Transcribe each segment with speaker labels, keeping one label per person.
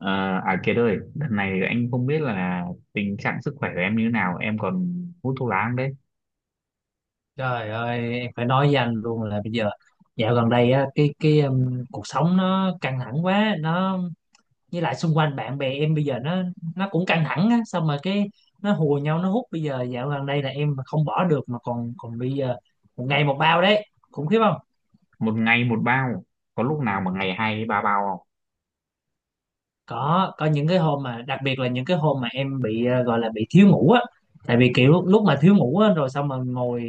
Speaker 1: À, Kiệt ơi, đợt này anh không biết là tình trạng sức khỏe của em như thế nào, em còn hút thuốc lá không đấy?
Speaker 2: Trời ơi, em phải nói với anh luôn là bây giờ dạo gần đây á cái cuộc sống nó căng thẳng quá, nó với lại xung quanh bạn bè em bây giờ nó cũng căng thẳng á, xong rồi cái nó hùa nhau nó hút, bây giờ dạo gần đây là em mà không bỏ được mà còn còn bây giờ một ngày một bao đấy, khủng khiếp không?
Speaker 1: Một ngày một bao, có lúc nào mà ngày hai ba bao không?
Speaker 2: Có những cái hôm mà đặc biệt là những cái hôm mà em bị gọi là bị thiếu ngủ á, tại vì kiểu lúc mà thiếu ngủ á rồi xong mà ngồi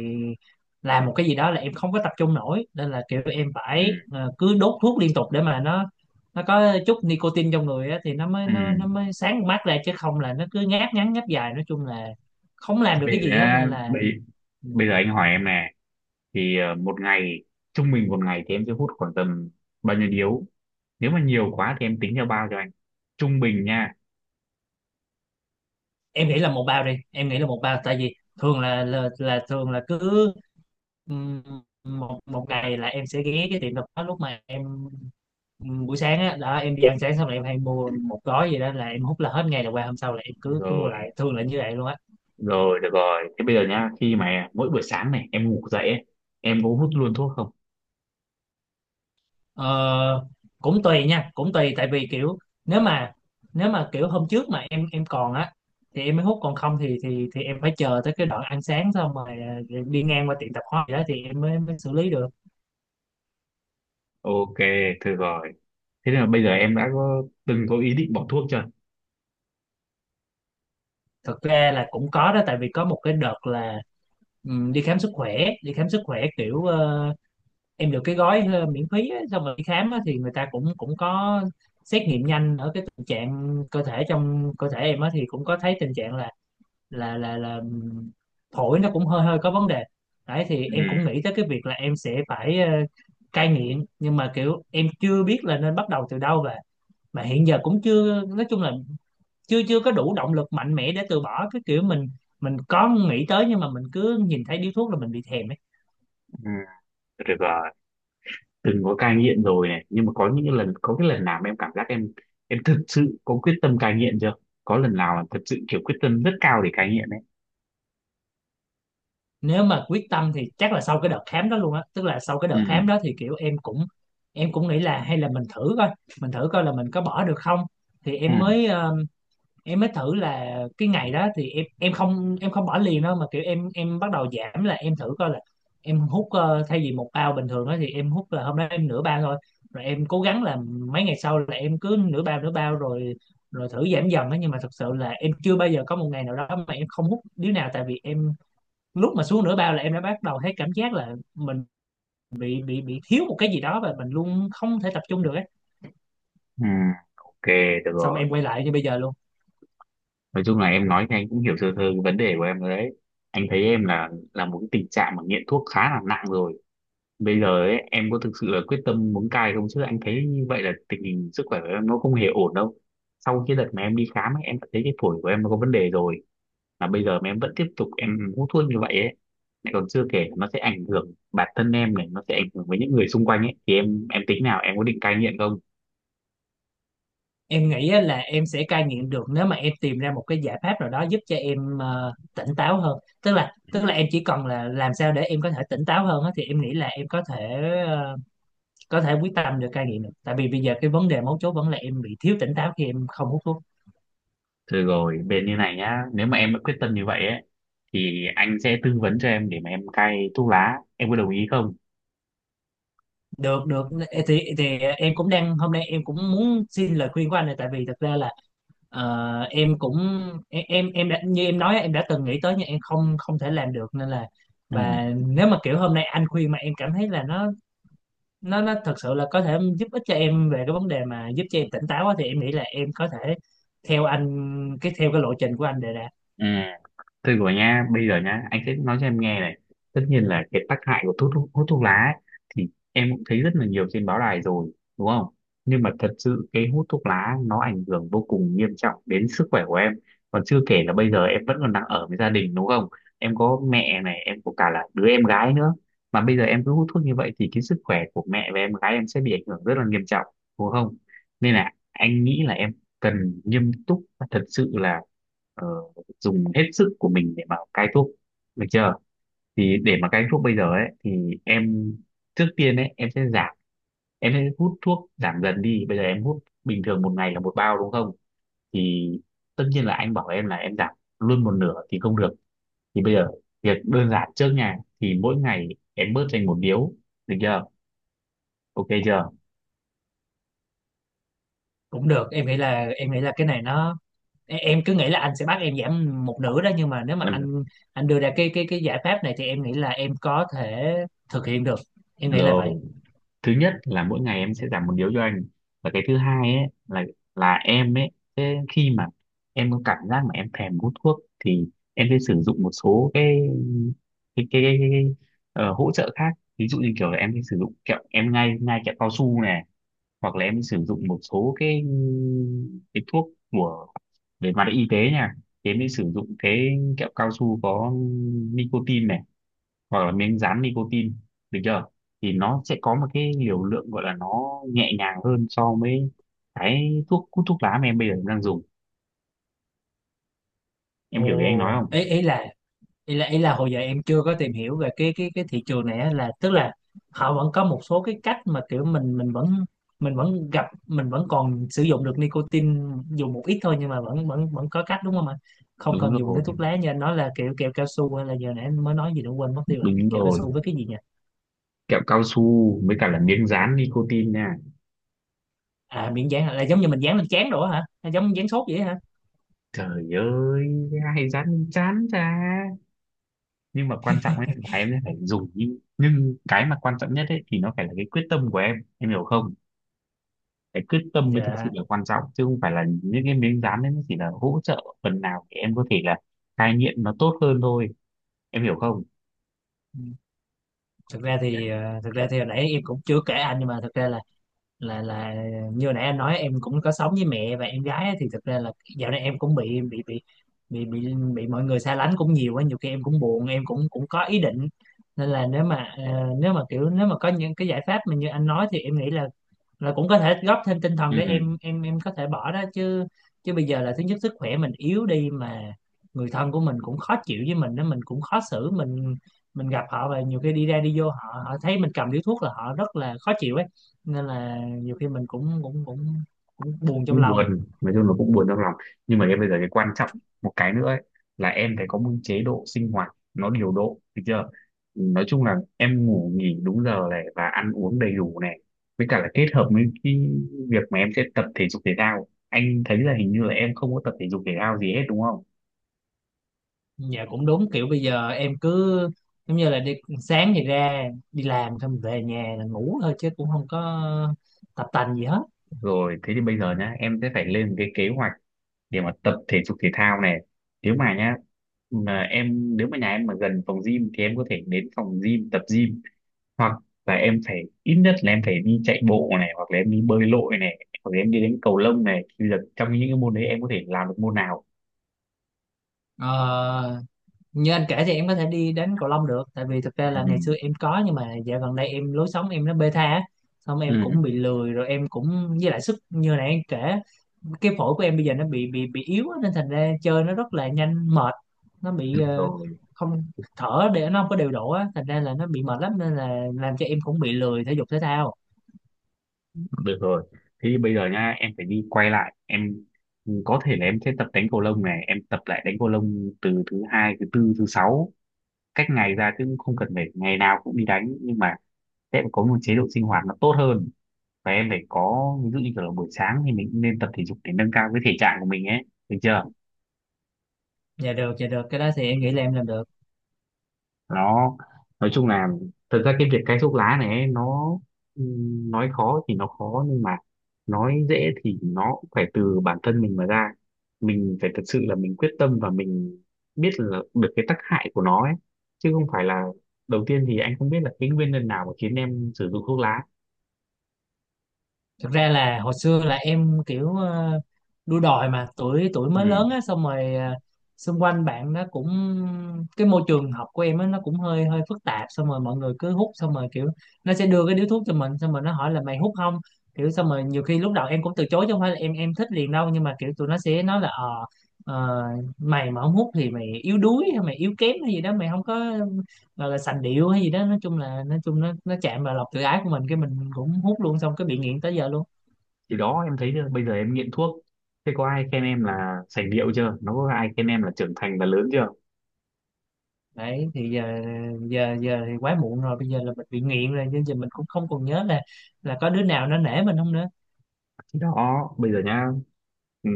Speaker 2: làm một cái gì đó là em không có tập trung nổi, nên là kiểu em
Speaker 1: Ừ,
Speaker 2: phải cứ đốt thuốc liên tục để mà nó có chút nicotine trong người á, thì nó mới
Speaker 1: ừ.
Speaker 2: nó nó mới sáng mắt ra, chứ không là nó cứ ngáp ngắn ngáp dài, nói chung là không làm
Speaker 1: Thế
Speaker 2: được
Speaker 1: bây
Speaker 2: cái
Speaker 1: giờ,
Speaker 2: gì hết
Speaker 1: nhá,
Speaker 2: nên là ừ,
Speaker 1: bây giờ anh hỏi em nè, thì một ngày, trung bình một ngày thì em sẽ hút khoảng tầm bao nhiêu điếu? Nếu mà nhiều quá thì em tính theo bao cho anh. Trung bình nha,
Speaker 2: em nghĩ là một bao đi, em nghĩ là một bao, tại vì thường là thường là cứ Ừm, một một ngày là em sẽ ghé cái tiệm tạp hóa lúc mà em buổi sáng á, đó em đi ăn sáng xong là em hay mua một gói gì đó là em hút, là hết ngày là qua hôm sau là em cứ cứ mua
Speaker 1: rồi,
Speaker 2: lại, thường là như vậy luôn á.
Speaker 1: rồi, được rồi. Thế bây giờ nha, khi mà mỗi buổi sáng này em ngủ dậy ấy, em có hút luôn thuốc không?
Speaker 2: Ờ, Cũng tùy nha, cũng tùy, tại vì kiểu nếu mà nếu mà kiểu hôm trước mà em còn á thì em mới hút, còn không thì em phải chờ tới cái đoạn ăn sáng xong rồi à, đi ngang qua tiệm tạp hóa gì đó thì em mới mới xử lý được.
Speaker 1: Ok, thử rồi. Thế nên là bây giờ em đã có từng có ý định bỏ thuốc chưa?
Speaker 2: Thực ra là cũng có đó, tại vì có một cái đợt là đi khám sức khỏe kiểu em được cái gói miễn phí á, xong rồi đi khám á, thì người ta cũng cũng có xét nghiệm nhanh ở cái tình trạng cơ thể, trong cơ thể em á, thì cũng có thấy tình trạng là phổi nó cũng hơi hơi có vấn đề đấy, thì em cũng
Speaker 1: ừ,
Speaker 2: nghĩ tới cái việc là em sẽ phải cai nghiện, nhưng mà kiểu em chưa biết là nên bắt đầu từ đâu, và mà hiện giờ cũng chưa, nói chung là chưa chưa có đủ động lực mạnh mẽ để từ bỏ, cái kiểu mình có nghĩ tới nhưng mà mình cứ nhìn thấy điếu thuốc là mình bị thèm.
Speaker 1: ừ. Được rồi, từng có cai nghiện rồi này nhưng mà có những cái lần, có cái lần nào mà em cảm giác em thực sự có quyết tâm cai nghiện chưa? Có lần nào mà thật sự kiểu quyết tâm rất cao để cai nghiện đấy?
Speaker 2: Nếu mà quyết tâm thì chắc là sau cái đợt khám đó luôn á, tức là sau cái đợt khám
Speaker 1: ừ,
Speaker 2: đó thì kiểu em cũng nghĩ là hay là mình thử coi là mình có bỏ được không, thì
Speaker 1: ừ,
Speaker 2: em mới thử là cái ngày đó thì em không bỏ liền đâu, mà kiểu em bắt đầu giảm, là em thử coi là em hút thay vì một bao bình thường đó thì em hút là hôm nay em nửa bao thôi, rồi em cố gắng là mấy ngày sau là em cứ nửa bao nửa bao, rồi rồi thử giảm dần á. Nhưng mà thật sự là em chưa bao giờ có một ngày nào đó mà em không hút điếu nào, tại vì em lúc mà xuống nửa bao là em đã bắt đầu thấy cảm giác là mình bị thiếu một cái gì đó và mình luôn không thể tập trung được ấy.
Speaker 1: ừ. Ok, được
Speaker 2: Xong em
Speaker 1: rồi.
Speaker 2: quay lại như bây giờ luôn.
Speaker 1: Nói chung là em nói thì anh cũng hiểu sơ sơ cái vấn đề của em rồi đấy. Anh thấy em là một cái tình trạng mà nghiện thuốc khá là nặng rồi. Bây giờ ấy, em có thực sự là quyết tâm muốn cai không, chứ anh thấy như vậy là tình hình sức khỏe của em nó không hề ổn đâu. Sau cái đợt mà em đi khám ấy, em đã thấy cái phổi của em nó có vấn đề rồi, mà bây giờ mà em vẫn tiếp tục em hút thuốc như vậy ấy, lại còn chưa kể nó sẽ ảnh hưởng bản thân em này, nó sẽ ảnh hưởng với những người xung quanh ấy, thì em tính nào em có định cai nghiện không?
Speaker 2: Em nghĩ á, là em sẽ cai nghiện được nếu mà em tìm ra một cái giải pháp nào đó giúp cho em tỉnh táo hơn. Tức là
Speaker 1: ừ.
Speaker 2: em chỉ cần là làm sao để em có thể tỉnh táo hơn á, thì em nghĩ là em ờ, có thể quyết tâm được, cai nghiện được. Tại vì bây giờ cái vấn đề mấu chốt vẫn là em bị thiếu tỉnh táo khi em không hút thuốc.
Speaker 1: Thôi rồi bên như này nhá, nếu mà em đã quyết tâm như vậy ấy thì anh sẽ tư vấn cho em để mà em cai thuốc lá, em có đồng ý không?
Speaker 2: Được được, thì em cũng đang, hôm nay em cũng muốn xin lời khuyên của anh này, tại vì thật ra là em cũng em đã, như em nói á, em đã từng nghĩ tới nhưng em không không thể làm được nên là,
Speaker 1: Ừ.
Speaker 2: và nếu mà kiểu hôm nay anh khuyên mà em cảm thấy là nó thật sự là có thể giúp ích cho em về cái vấn đề mà giúp cho em tỉnh táo á, thì em nghĩ là em có thể theo anh theo cái lộ trình của anh đề ra.
Speaker 1: Ừ. tôi của nha, bây giờ nha anh sẽ nói cho em nghe này. Tất nhiên là cái tác hại của thuốc thuốc, hút thuốc lá ấy, thì em cũng thấy rất là nhiều trên báo đài rồi, đúng không? Nhưng mà thật sự cái hút thuốc lá nó ảnh hưởng vô cùng nghiêm trọng đến sức khỏe của em. Còn chưa kể là bây giờ em vẫn còn đang ở với gia đình, đúng không? Em có mẹ này, em có cả là đứa em gái nữa, mà bây giờ em cứ hút thuốc như vậy thì cái sức khỏe của mẹ và em gái em sẽ bị ảnh hưởng rất là nghiêm trọng, đúng không? Nên là anh nghĩ là em cần nghiêm túc và thật sự là ờ, dùng hết sức của mình để mà cai thuốc, được chưa? Thì để mà cai thuốc bây giờ ấy thì em, trước tiên ấy em sẽ giảm, em sẽ hút thuốc giảm dần đi. Bây giờ em hút bình thường một ngày là một bao, đúng không? Thì tất nhiên là anh bảo em là em giảm luôn một nửa thì không được, thì bây giờ việc đơn giản trước nha, thì mỗi ngày em bớt thành một điếu, được chưa? Ok chưa?
Speaker 2: Cũng được, em nghĩ là cái này nó, em cứ nghĩ là anh sẽ bắt em giảm một nửa đó, nhưng mà nếu mà
Speaker 1: Ừ,
Speaker 2: anh đưa ra cái giải pháp này thì em nghĩ là em có thể thực hiện được, em nghĩ là vậy.
Speaker 1: rồi, thứ nhất là mỗi ngày em sẽ giảm một điếu cho anh, và cái thứ hai ấy là em ấy sẽ, khi mà em có cảm giác mà em thèm hút thuốc thì em sẽ sử dụng một số cái cái cái, cái, cái cái hỗ trợ khác, ví dụ như kiểu là em sẽ sử dụng kẹo em, ngay ngay kẹo cao su này, hoặc là em sử dụng một số cái thuốc của, về mặt y tế nha, thì em sẽ sử dụng cái kẹo cao su có nicotine này hoặc là miếng dán nicotine, được chưa? Thì nó sẽ có một cái liều lượng gọi là nó nhẹ nhàng hơn so với cái hút thuốc lá mà em bây giờ em đang dùng. Em hiểu ý anh nói
Speaker 2: Ồ,
Speaker 1: không?
Speaker 2: ý ý là ý là ý là hồi giờ em chưa có tìm hiểu về cái thị trường này á, là tức là họ vẫn có một số cái cách mà kiểu mình vẫn còn sử dụng được nicotine, dùng một ít thôi, nhưng mà vẫn vẫn vẫn có cách, đúng không ạ? Không
Speaker 1: Đúng
Speaker 2: cần
Speaker 1: rồi,
Speaker 2: dùng tới thuốc lá, như anh nói là kiểu kẹo cao su, hay là giờ nãy anh mới nói gì nữa, quên mất tiêu rồi,
Speaker 1: đúng
Speaker 2: kẹo cao
Speaker 1: rồi,
Speaker 2: su với cái gì nhỉ?
Speaker 1: kẹo cao su với cả là miếng dán nicotine nha.
Speaker 2: À, miếng dán hả? Là giống như mình dán lên trán đồ á hả? Hay giống dán sốt vậy hả?
Speaker 1: Trời ơi, ai dán chán ra. Nhưng mà quan trọng ấy là em sẽ phải dùng, nhưng cái mà quan trọng nhất ấy thì nó phải là cái quyết tâm của em hiểu không? Cái quyết tâm mới thực sự
Speaker 2: Dạ,
Speaker 1: là quan trọng, chứ không phải là những cái miếng dán đấy, nó chỉ là hỗ trợ phần nào để em có thể là cai nghiện nó tốt hơn thôi, em hiểu không?
Speaker 2: thực ra thì hồi nãy em cũng chưa kể anh, nhưng mà thực ra là như nãy em nói em cũng có sống với mẹ và em gái á, thì thực ra là dạo này em cũng bị mọi người xa lánh cũng nhiều á, nhiều khi em cũng buồn, em cũng cũng có ý định. Nên là nếu mà có những cái giải pháp mà như anh nói thì em nghĩ là rồi cũng có thể góp thêm tinh thần
Speaker 1: ừ.
Speaker 2: để em có thể bỏ đó chứ. Chứ bây giờ là thứ nhất sức khỏe mình yếu đi, mà người thân của mình cũng khó chịu với mình đó, mình cũng khó xử, mình gặp họ, và nhiều khi đi ra đi vô, họ họ thấy mình cầm điếu thuốc là họ rất là khó chịu ấy, nên là nhiều khi mình cũng cũng cũng cũng buồn trong
Speaker 1: Cũng
Speaker 2: lòng.
Speaker 1: buồn, nói chung là cũng buồn trong lòng. Nhưng mà cái bây giờ cái quan trọng một cái nữa ấy, là em phải có một chế độ sinh hoạt nó điều độ, được chưa? Nói chung là em ngủ nghỉ đúng giờ này, và ăn uống đầy đủ này, với cả là kết hợp với cái việc mà em sẽ tập thể dục thể thao. Anh thấy là hình như là em không có tập thể dục thể thao gì hết, đúng không?
Speaker 2: Dạ, cũng đúng, kiểu bây giờ em cứ giống như là đi, sáng thì ra đi làm, xong về nhà là ngủ thôi chứ cũng không có tập tành gì hết.
Speaker 1: Rồi, thế thì bây giờ nhá, em sẽ phải lên một cái kế hoạch để mà tập thể dục thể thao này. Nếu mà nhá, mà em nếu mà nhà em mà gần phòng gym thì em có thể đến phòng gym tập gym, hoặc là em phải ít nhất là em phải đi chạy bộ này, hoặc là em đi bơi lội này, hoặc là em đi đánh cầu lông này. Thì bây giờ trong những cái môn đấy em có thể làm được môn nào?
Speaker 2: Ờ, Như anh kể thì em có thể đi đến Cầu Long được, tại vì thực ra là
Speaker 1: Ừ.
Speaker 2: ngày xưa em có, nhưng mà dạo gần đây em lối sống em nó bê tha á. Xong em
Speaker 1: Ừ,
Speaker 2: cũng bị lười rồi, em cũng, với lại sức như này em kể, cái phổi của em bây giờ nó bị yếu á, nên thành ra chơi nó rất là nhanh mệt, nó bị
Speaker 1: được rồi,
Speaker 2: không thở, để nó không có điều độ á, thành ra là nó bị mệt lắm nên là làm cho em cũng bị lười thể dục thể thao.
Speaker 1: được rồi. Thế thì bây giờ nhá, em phải đi quay lại. Em có thể là em sẽ tập đánh cầu lông này, em tập lại đánh cầu lông từ thứ hai, thứ tư, thứ sáu, cách ngày ra chứ không cần phải ngày nào cũng đi đánh, nhưng mà sẽ có một chế độ sinh hoạt nó tốt hơn. Và em phải có, ví dụ như kiểu là buổi sáng thì mình cũng nên tập thể dục để nâng cao cái thể trạng của mình ấy, được chưa?
Speaker 2: Dạ được, dạ được, cái đó thì em nghĩ là em làm được.
Speaker 1: Nó nói chung là, thật ra cái việc cai thuốc lá này ấy, nó nói khó thì nó khó, nhưng mà nói dễ thì nó cũng phải từ bản thân mình mà ra. Mình phải thật sự là mình quyết tâm và mình biết là được cái tác hại của nó ấy, chứ không phải là, đầu tiên thì anh không biết là cái nguyên nhân nào mà khiến em sử dụng thuốc lá.
Speaker 2: Thực ra là hồi xưa là em kiểu đua đòi mà tuổi tuổi
Speaker 1: Ừ.
Speaker 2: mới lớn á, xong rồi xung quanh bạn nó cũng, cái môi trường học của em á nó cũng hơi hơi phức tạp, xong rồi mọi người cứ hút, xong rồi kiểu nó sẽ đưa cái điếu thuốc cho mình, xong rồi nó hỏi là mày hút không, kiểu xong rồi nhiều khi lúc đầu em cũng từ chối chứ không phải là em thích liền đâu, nhưng mà kiểu tụi nó sẽ nói là ờ, mày mà không hút thì mày yếu đuối hay mày yếu kém hay gì đó, mày không có gọi là sành điệu hay gì đó, nói chung nó chạm vào lòng tự ái của mình, cái mình cũng hút luôn, xong cái bị nghiện tới giờ luôn.
Speaker 1: Thì đó em thấy chưa? Bây giờ em nghiện thuốc. Thế có ai khen em là sành điệu chưa? Nó có ai khen em là trưởng thành, là lớn chưa?
Speaker 2: Đấy thì giờ giờ giờ thì quá muộn rồi, bây giờ là mình bị nghiện rồi nên giờ mình cũng không còn nhớ là có đứa nào nó nể mình không nữa.
Speaker 1: Thì đó, bây giờ nhá. Ừ.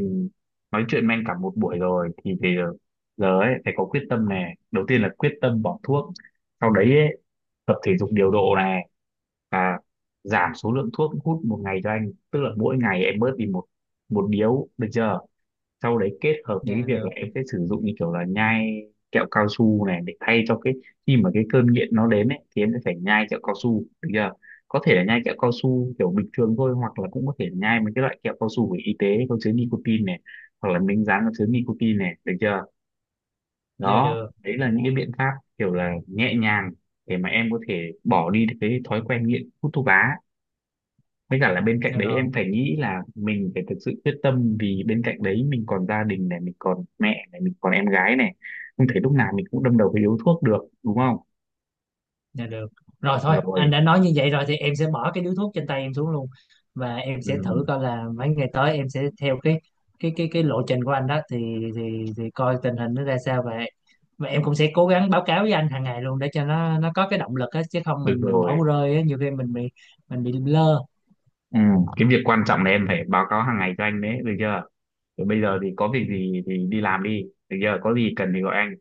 Speaker 1: Nói chuyện men cả một buổi rồi thì bây giờ, giờ ấy phải có quyết tâm này. Đầu tiên là quyết tâm bỏ thuốc. Sau đấy ấy, tập thể dục điều độ này và giảm số lượng thuốc hút một ngày cho anh. Tức là mỗi ngày em bớt đi một một điếu, được chưa? Sau đấy kết hợp với cái
Speaker 2: Dạ
Speaker 1: việc là
Speaker 2: được,
Speaker 1: em sẽ sử dụng như kiểu là nhai kẹo cao su này để thay cho cái, khi mà cái cơn nghiện nó đến ấy thì em sẽ phải nhai kẹo cao su, được chưa? Có thể là nhai kẹo cao su kiểu bình thường thôi, hoặc là cũng có thể nhai mấy cái loại kẹo cao su của y tế có chứa nicotine này, hoặc là miếng dán có chứa nicotine này, được chưa?
Speaker 2: dạ
Speaker 1: Đó,
Speaker 2: được,
Speaker 1: đấy là
Speaker 2: ừ,
Speaker 1: những cái biện pháp kiểu là nhẹ nhàng để mà em có thể bỏ đi được cái thói quen nghiện hút thuốc lá. Với cả là bên cạnh
Speaker 2: dạ
Speaker 1: đấy
Speaker 2: rồi,
Speaker 1: em phải nghĩ là mình phải thực sự quyết tâm, vì bên cạnh đấy mình còn gia đình này, mình còn mẹ này, mình còn em gái này. Không thể lúc nào mình cũng đâm đầu với điếu thuốc được, đúng không?
Speaker 2: dạ được rồi. Thôi anh
Speaker 1: rồi
Speaker 2: đã nói như vậy rồi thì em sẽ bỏ cái điếu thuốc trên tay em xuống luôn, và em
Speaker 1: ừ,
Speaker 2: sẽ thử coi là mấy ngày tới em sẽ theo cái lộ trình của anh đó, thì thì coi tình hình nó ra sao, và em cũng sẽ cố gắng báo cáo với anh hàng ngày luôn để cho nó có cái động lực á, chứ không
Speaker 1: được
Speaker 2: mình
Speaker 1: rồi.
Speaker 2: bỏ rơi á, nhiều khi mình bị lơ.
Speaker 1: ừ. Cái việc quan trọng là em phải báo cáo hàng ngày cho anh đấy, được chưa? Rồi bây giờ thì có việc gì thì đi làm đi, được chưa? Có gì cần thì gọi anh.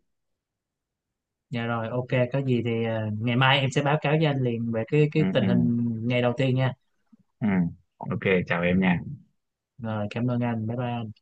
Speaker 2: Dạ rồi, ok, có gì thì ngày mai em sẽ báo cáo với anh liền về cái
Speaker 1: ừ,
Speaker 2: cái tình
Speaker 1: ừ,
Speaker 2: hình ngày đầu tiên nha.
Speaker 1: ừ. Ok, chào em nha.
Speaker 2: Rồi, cảm ơn anh. Bye bye.